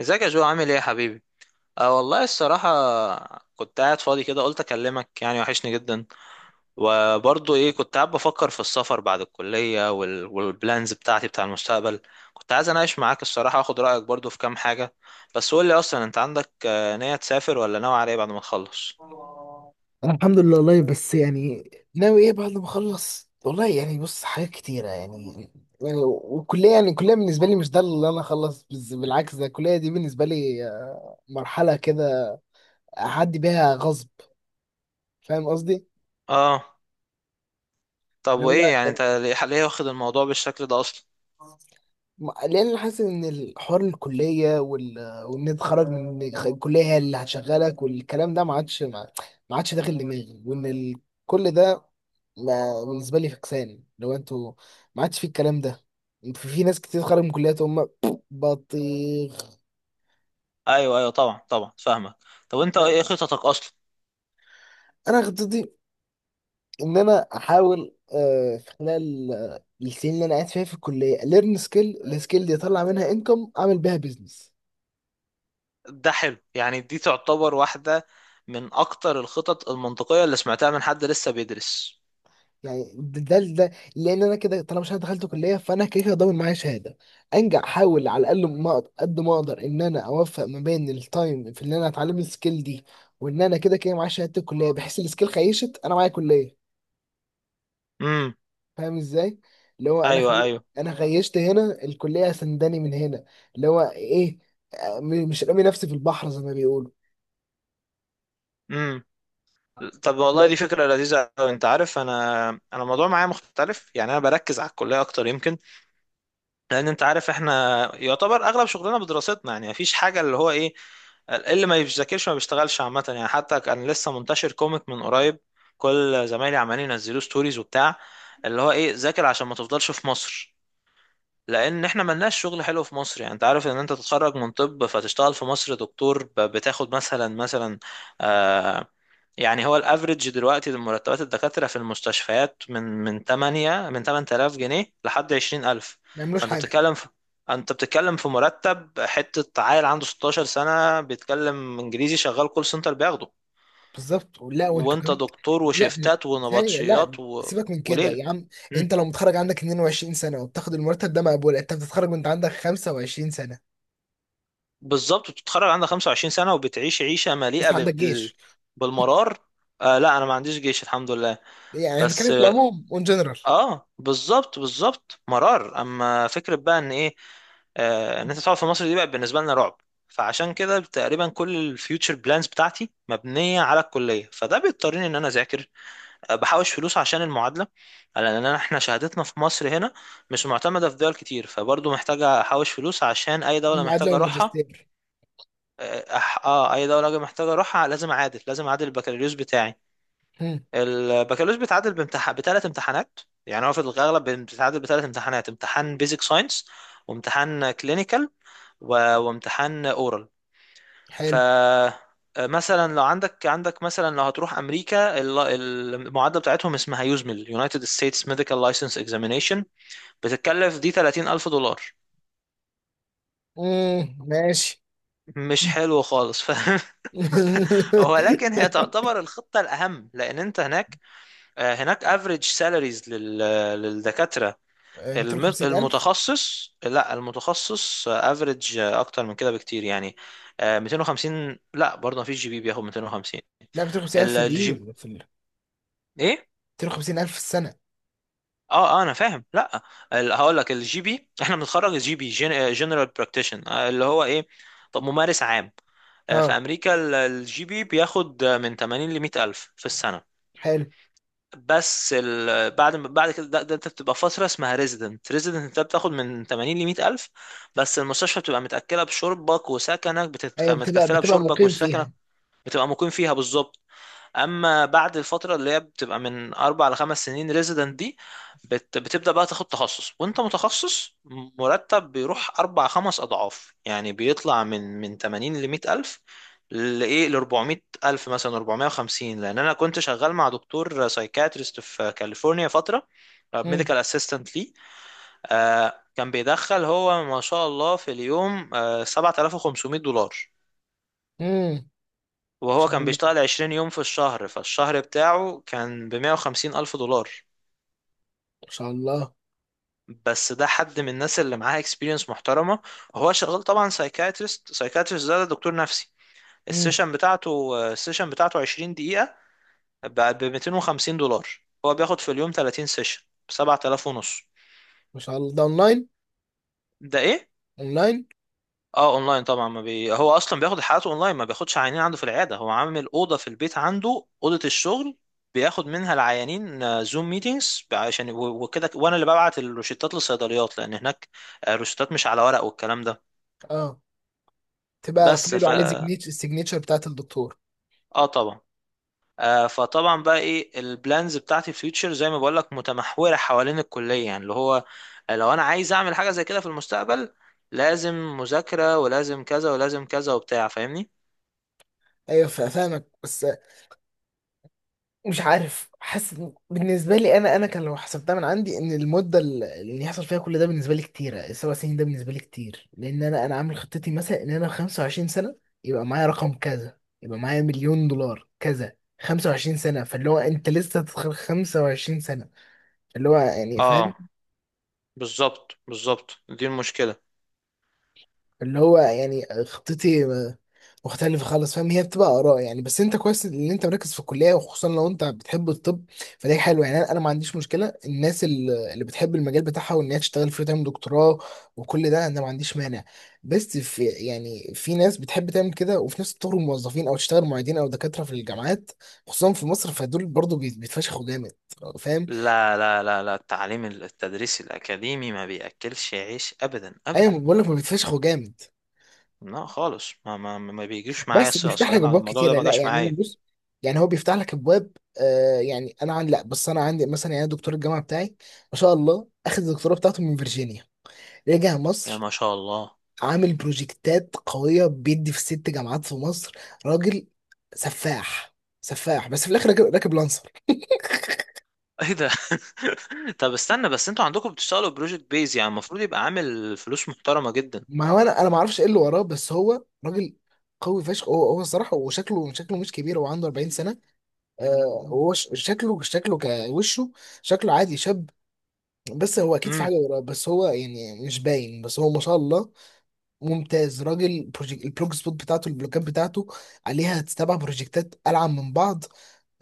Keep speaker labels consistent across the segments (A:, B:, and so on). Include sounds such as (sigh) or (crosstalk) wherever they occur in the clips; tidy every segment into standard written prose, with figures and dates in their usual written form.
A: ازيك يا جو، عامل ايه يا حبيبي؟ أه والله الصراحة، كنت قاعد فاضي كده، قلت اكلمك، يعني وحشني جدا. وبرضه ايه، كنت قاعد بفكر في السفر بعد الكلية والبلانز بتاعتي بتاع المستقبل. كنت عايز اناقش معاك الصراحة، واخد رأيك برضه في كام حاجة. بس قول لي اصلا، انت عندك نية تسافر ولا ناوي على ايه بعد ما تخلص؟
B: الحمد لله والله، بس يعني ناوي ايه بعد ما اخلص؟ والله يعني بص، حاجات كتيرة يعني. والكلية يعني الكلية بالنسبة لي مش ده اللي انا اخلص بالعكس، ده الكلية دي بالنسبة لي مرحلة كده اعدي بيها غصب. فاهم قصدي؟
A: اه. طب
B: اللي
A: وايه يعني،
B: هو
A: انت ليه واخد الموضوع بالشكل ده اصلا؟
B: لان أنا حاسس ان الحوار الكليه وان انت تخرج من الكليه هي اللي هتشغلك، والكلام ده ما عادش، ما عادش داخل دماغي، وان كل ده ما... بالنسبه لي فكسان لو انتوا، ما عادش في الكلام ده. في ناس كتير خارج من كليات هم (sniffs) بطيخ.
A: ايوه ايوه، طبعا طبعا، فاهمك. طب انت ايه خططك اصلا؟
B: انا خطتي ان انا احاول، في خلال السنين اللي انا قاعد فيها في الكليه، ليرن سكيل، السكيل دي اطلع منها انكم اعمل بيها بيزنس.
A: ده حلو يعني، دي تعتبر واحدة من أكتر الخطط المنطقية اللي سمعتها من حد لسه بيدرس.
B: يعني لان انا كده طالما مش أنا دخلت كليه، فانا كده كده ضامن معايا شهاده، انجح، احاول على الاقل ما أقدر- قد ما اقدر ان انا اوفق ما بين التايم في ان انا اتعلم السكيل دي، وان انا كده كده معايا شهاده الكليه، بحيث السكيل خيشت انا معايا كليه.
A: امم.
B: فاهم ازاي؟ اللي هو
A: أيوه أيوه.
B: انا خيشت هنا الكليه سنداني من هنا. اللي هو ايه، مش رامي نفسي في البحر زي ما بيقولوا.
A: امم. طب
B: اللي
A: والله
B: هو ما
A: دي فكرة لذيذة أوي. أنت عارف، أنا الموضوع معايا مختلف يعني، أنا بركز على الكلية أكتر يمكن. لأن أنت عارف، إحنا يعتبر أغلب شغلنا بدراستنا، يعني مفيش حاجة اللي هو إيه، اللي ما بيذاكرش ما بيشتغلش عامة يعني. حتى كان لسه منتشر كوميك من قريب، كل زمايلي عمالين ينزلوا ستوريز وبتاع، اللي هو ايه، ذاكر عشان ما تفضلش في مصر. لان احنا ملناش شغل حلو في مصر يعني. انت عارف ان انت تتخرج من طب فتشتغل في مصر دكتور، بتاخد مثلا آه يعني هو الافريج دلوقتي مرتبات الدكاترة في المستشفيات من 8 من 8,000 جنيه لحد 20,000.
B: يعملوش
A: فانت
B: حاجه.
A: بتتكلم في انت بتتكلم في مرتب حتة عيل عنده 16 سنة بيتكلم انجليزي شغال كول سنتر بياخده.
B: بالظبط. لا، وانتوا
A: وانت
B: كمان.
A: دكتور
B: لا
A: وشيفتات
B: ثانية، لا
A: ونبطشيات
B: سيبك من كده
A: وليلة.
B: يا عم. انت لو متخرج عندك 22 سنة وبتاخد المرتب ده مقبول؟ انت بتتخرج وانت عندك 25 سنة،
A: بالظبط، وتتخرج عندها 25 سنة وبتعيش عيشة مليئة
B: لسه عندك جيش.
A: بالمرار. آه لا، انا ما عنديش جيش الحمد لله.
B: يعني
A: بس
B: بنتكلم في
A: اه،
B: العموم، اون جنرال.
A: بالظبط بالظبط، مرار. اما فكرة بقى ان ايه، آه، ان انت تقعد في مصر دي بقى بالنسبة لنا رعب. فعشان كده تقريبا كل الفيوتشر بلانز بتاعتي مبنية على الكلية، فده بيضطرني ان انا اذاكر، بحوش فلوس عشان المعادلة. لان احنا شهادتنا في مصر هنا مش معتمدة في دول كتير، فبرضه محتاجة احوش فلوس عشان اي دولة
B: المعادلة
A: محتاجة اروحها.
B: والماجستير.
A: اه، اي دوله اجي محتاج اروحها لازم اعادل، البكالوريوس بتاعي.
B: هم،
A: البكالوريوس بيتعادل بامتحان، بثلاث امتحانات. يعني هو في الاغلب بيتعادل بثلاث امتحانات: امتحان بيزك ساينس، وامتحان كلينيكال، و... وامتحان اورال. ف
B: حلو.
A: آه، مثلا لو عندك مثلا لو هتروح امريكا، المعادله بتاعتهم اسمها يوزمل، United States Medical License Examination. بتتكلف دي $30,000.
B: مم. ماشي.
A: مش
B: (laughs)
A: حلو خالص، فاهم. (laughs) ولكن هي تعتبر الخطة الأهم، لأن أنت هناك، هناك افريج سالاريز للدكاترة.
B: 250000.
A: المتخصص، لا المتخصص افريج أكتر من كده بكتير يعني. 250، لا برضه مفيش جي بي بياخد 250.
B: لا 250000 ريال
A: الجي
B: في
A: بي.
B: الريل، في ال
A: إيه؟
B: 250000 في السنة.
A: اه اه، انا فاهم. لا، هقول لك، الجي بي احنا بنتخرج الجي بي، جنرال براكتيشن، اللي هو ايه، طب ممارس عام. في
B: اه،
A: امريكا، الجي بي بياخد من 80 ل 100 الف في السنه.
B: حلو.
A: بس بعد ما- بعد كده، ده انت بتبقى فتره اسمها ريزيدنت. ريزيدنت انت بتاخد من 80 ل 100 الف، بس المستشفى بتبقى متاكله بشربك وسكنك،
B: ايوه بتبقى
A: متكفله
B: بتبقى
A: بشربك
B: مقيم
A: وسكنك.
B: فيها.
A: بتبقى مقيم فيها بالظبط. اما بعد الفتره اللي هي بتبقى من اربع لخمس سنين، ريزيدنت دي، بتبدا بقى تاخد تخصص. وانت متخصص مرتب بيروح اربع خمس اضعاف يعني، بيطلع من 80 ل 100 الف، لايه، ل 400 الف مثلا 450. لان انا كنت شغال مع دكتور سايكاتريست في كاليفورنيا فتره،
B: مم.
A: ميديكال اسيستنت ليه. كان بيدخل هو، ما شاء الله، في اليوم $7,500.
B: مم. ان
A: وهو
B: شاء
A: كان
B: الله،
A: بيشتغل 20 يوم في الشهر، فالشهر بتاعه كان ب 150 ألف دولار.
B: ان شاء الله.
A: بس ده حد من الناس اللي معاها اكسبيرينس محترمة. هو شغال طبعا سايكاتريست. سايكاتريست ده دكتور نفسي. السيشن بتاعته السيشن بتاعته 20 دقيقة ب $250. هو بياخد في اليوم 30 سيشن ب 7,000 ونص.
B: مش على ده اونلاين؟
A: ده ايه؟
B: اونلاين.
A: اه اونلاين طبعا. ما بي... هو اصلا بياخد حالته اونلاين، ما بياخدش عيانين عنده في العياده. هو عامل اوضه في البيت عنده، اوضه الشغل، بياخد منها العيانين زوم ميتينجز، عشان وكده. وانا اللي ببعت الروشتات للصيدليات، لان هناك الروشتات مش على ورق والكلام ده.
B: اه، تبقى
A: بس
B: فايله
A: ف
B: عليه سيجنيتشر، السيجنيتشر بتاعت الدكتور.
A: اه طبعا. فطبعا بقى ايه، البلانز بتاعتي في فيوتشر زي ما بقول لك متمحوره حوالين الكليه يعني. اللي هو لو انا عايز اعمل حاجه زي كده في المستقبل، لازم مذاكره ولازم كذا ولازم كذا وبتاع، فاهمني.
B: ايوه فاهمك، بس مش عارف. حاسس إن- بالنسبه لي انا، كان لو حسبتها من عندي، ان المده اللي يحصل فيها كل ده بالنسبه لي كتيره، السبع سنين ده بالنسبه لي كتير. لان انا عامل خطتي مثلا ان انا 25 سنه يبقى معايا رقم كذا، يبقى معايا مليون دولار كذا. 25 سنه، فاللي هو انت لسه هتدخل 25 سنه. اللي هو يعني،
A: اه
B: فاهم؟
A: بالظبط بالظبط، دي المشكلة.
B: اللي هو يعني خطتي مختلفة خالص، فاهم؟ هي بتبقى آراء يعني، بس أنت كويس إن أنت مركز في الكلية، وخصوصا لو أنت بتحب الطب فده حلو يعني. أنا ما عنديش مشكلة، الناس اللي بتحب المجال بتاعها وإن هي تشتغل فيه وتعمل دكتوراه وكل ده، أنا ما عنديش مانع. بس في يعني في ناس بتحب تعمل كده، وفي ناس تخرج موظفين أو تشتغل معيدين أو دكاترة في الجامعات، خصوصا في مصر، فدول برضه بيتفشخوا جامد، فاهم؟
A: لا لا لا لا، التعليم التدريس الأكاديمي ما بيأكلش عيش أبدا
B: أيوة،
A: أبدا.
B: بقول لك ما بيتفشخوا جامد،
A: لا خالص، ما بيجيش معايا،
B: بس بيفتح لك
A: الصراحة
B: ابواب
A: الموضوع ده
B: كتيره.
A: ما
B: لا
A: جاش
B: يعني، انا
A: معايا.
B: بص، يعني هو بيفتح لك ابواب. آه يعني انا عندي، لا، بس انا عندي مثلا يعني دكتور الجامعه بتاعي ما شاء الله، اخذ الدكتوراه بتاعته من فيرجينيا، رجع
A: يا
B: مصر،
A: ما شاء الله.
B: عامل بروجكتات قويه، بيدي في ست جامعات في مصر. راجل سفاح، سفاح. بس في الاخر راكب لانسر.
A: ايه ده؟ (laughs) طب استنى بس، انتوا عندكم بتشتغلوا بروجكت بيز يعني، المفروض يبقى عامل فلوس محترمة جدا.
B: ما هو انا ما اعرفش ايه اللي وراه، بس هو راجل قوي فشخ، هو الصراحه. وشكله مش كبير، هو عنده 40 سنه. آه هو شكله كوشه، شكله عادي شاب. بس هو اكيد في
A: امم.
B: حاجه وراه بس هو يعني مش باين، بس هو ما شاء الله ممتاز. راجل بروجيك، البلوج سبوت بتاعته، البلوكات بتاعته عليها سبع بروجكتات ألعن من بعض.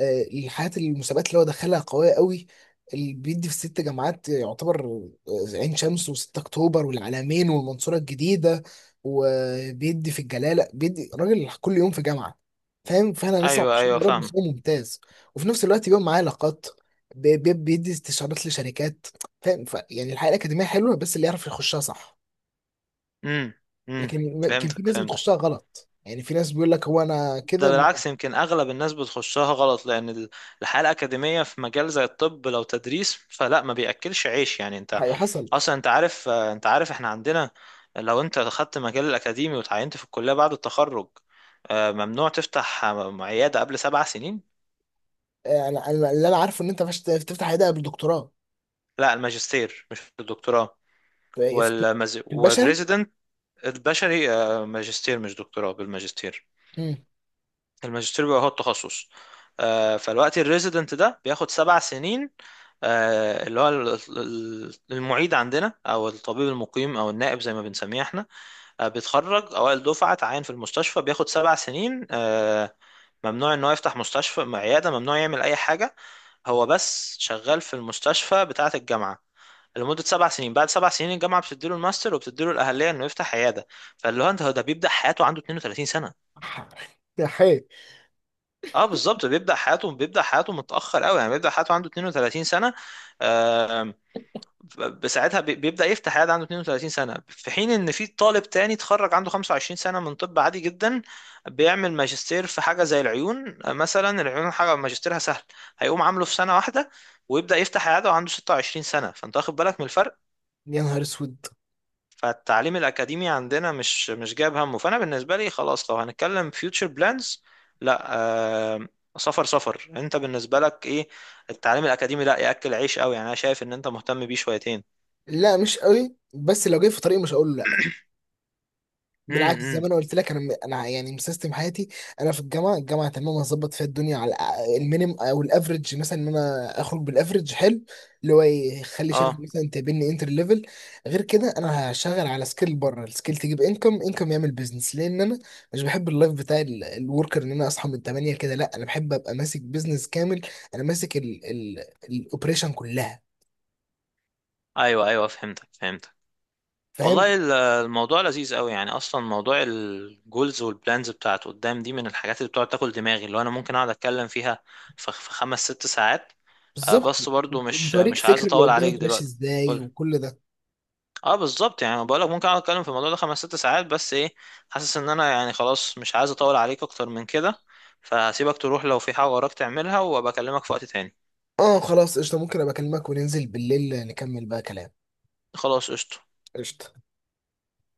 B: الحاجات، المسابقات اللي هو دخلها قوية قوي. اللي بيدي في ست جامعات، يعتبر عين شمس و6 أكتوبر والعلمين والمنصورة الجديدة، وبيدي في الجلالة. بيدي راجل كل يوم في جامعة، فاهم؟ فأنا لسه
A: ايوه
B: مبسوط،
A: ايوه
B: يا رب
A: فاهم.
B: فيه ممتاز. وفي نفس الوقت بيبقى معاه علاقات، بيدي استشارات لشركات، فاهم؟ يعني الحياة الأكاديمية حلوة، بس اللي يعرف يخشها صح.
A: امم. امم،
B: لكن كان في
A: فهمتك
B: ناس
A: فهمتك.
B: بتخشها غلط، يعني في ناس بيقول لك هو انا
A: ده
B: كده
A: بالعكس، يمكن اغلب الناس بتخشها غلط. لان الحياه الاكاديميه في مجال زي الطب، لو تدريس فلا، ما بياكلش عيش يعني. انت
B: حصل.
A: اصلا انت عارف، انت عارف احنا عندنا لو انت خدت مجال الاكاديمي وتعينت في الكليه بعد التخرج، ممنوع تفتح عياده قبل 7 سنين.
B: انا اللي انا عارفه ان انت مش تفتح عيادة قبل الدكتوراه.
A: لا الماجستير مش الدكتوراه.
B: في في- في البشري.
A: والريزيدنت. البشري، ماجستير مش دكتوراه، بالماجستير.
B: امم.
A: الماجستير بيبقى هو التخصص. فالوقت الريزيدنت ده بياخد 7 سنين. اللي هو المعيد عندنا، او الطبيب المقيم، او النائب زي ما بنسميه احنا. بيتخرج اوائل دفعه، اتعين في المستشفى، بياخد 7 سنين. ممنوع ان هو يفتح مستشفى عياده، ممنوع يعمل اي حاجه. هو بس شغال في المستشفى بتاعه الجامعه لمدة 7 سنين. بعد 7 سنين الجامعة بتديله الماستر، وبتديله الأهلية إنه يفتح عيادة. فاللي هو أنت، هو ده بيبدأ حياته عنده 32 سنة.
B: ح- (laughs) يا حي.
A: اه بالظبط بيبدأ حياته، متأخر قوي يعني، بيبدأ حياته عنده 32 سنة. آم، بساعتها بيبدأ يفتح عيادة عنده 32 سنة، في حين ان في طالب تاني اتخرج عنده 25 سنة من طب عادي جدا، بيعمل ماجستير في حاجة زي العيون. مثلا العيون حاجة ماجستيرها سهل، هيقوم عامله في سنة واحدة، ويبدأ يفتح عيادة وعنده 26 سنة. فانت واخد بالك من الفرق.
B: يا نهار اسود.
A: فالتعليم الأكاديمي عندنا مش جايب همه. فأنا بالنسبة لي خلاص، لو هنتكلم future plans، لا، آه، سفر، سفر. أنت بالنسبة لك إيه؟ التعليم الأكاديمي لا يأكل عيش قوي يعني، أنا شايف إن أنت مهتم بيه شويتين.
B: لا مش قوي، بس لو جاي في طريق مش هقول له بالعكس. زي
A: امم.
B: ما انا قلت لك انا انا يعني مسيستم حياتي. انا في الجامعه، الجامعه تمام، هظبط فيها الدنيا على المينيم او الافريج، مثلا ان انا اخرج بالافريج حلو، اللي هو يخلي شركه
A: اه
B: مثلا تقابلني انتر ليفل. غير كده انا هشتغل على سكيل بره، السكيل تجيب انكم يعمل بيزنس، لان انا مش بحب اللايف بتاع الوركر ان انا اصحى من 8 كده. لا انا بحب ابقى ماسك بيزنس كامل، انا ماسك الاوبريشن كلها،
A: ايوه ايوه، فهمتك فهمتك.
B: فاهم؟
A: والله الموضوع لذيذ قوي يعني. اصلا موضوع الجولز والبلانز بتاعت قدام دي من الحاجات اللي بتقعد تاكل دماغي، اللي هو انا ممكن اقعد اتكلم فيها في خمس ست ساعات.
B: بالظبط.
A: بس برضو مش
B: بتوريك
A: عايز
B: فكر اللي
A: اطول عليك
B: قدامك ماشي
A: دلوقتي.
B: ازاي وكل ده.
A: اه بالظبط يعني، بقولك ممكن اقعد اتكلم في الموضوع ده خمس ست ساعات. بس ايه، حاسس ان انا يعني خلاص مش عايز اطول عليك اكتر من كده. فهسيبك تروح لو في حاجة وراك تعملها، وابقى اكلمك في وقت تاني.
B: اه خلاص قشطة، ممكن ابقى اكلمك وننزل بالليل نكمل بقى كلام.
A: خلاص قشطة.
B: قشطة.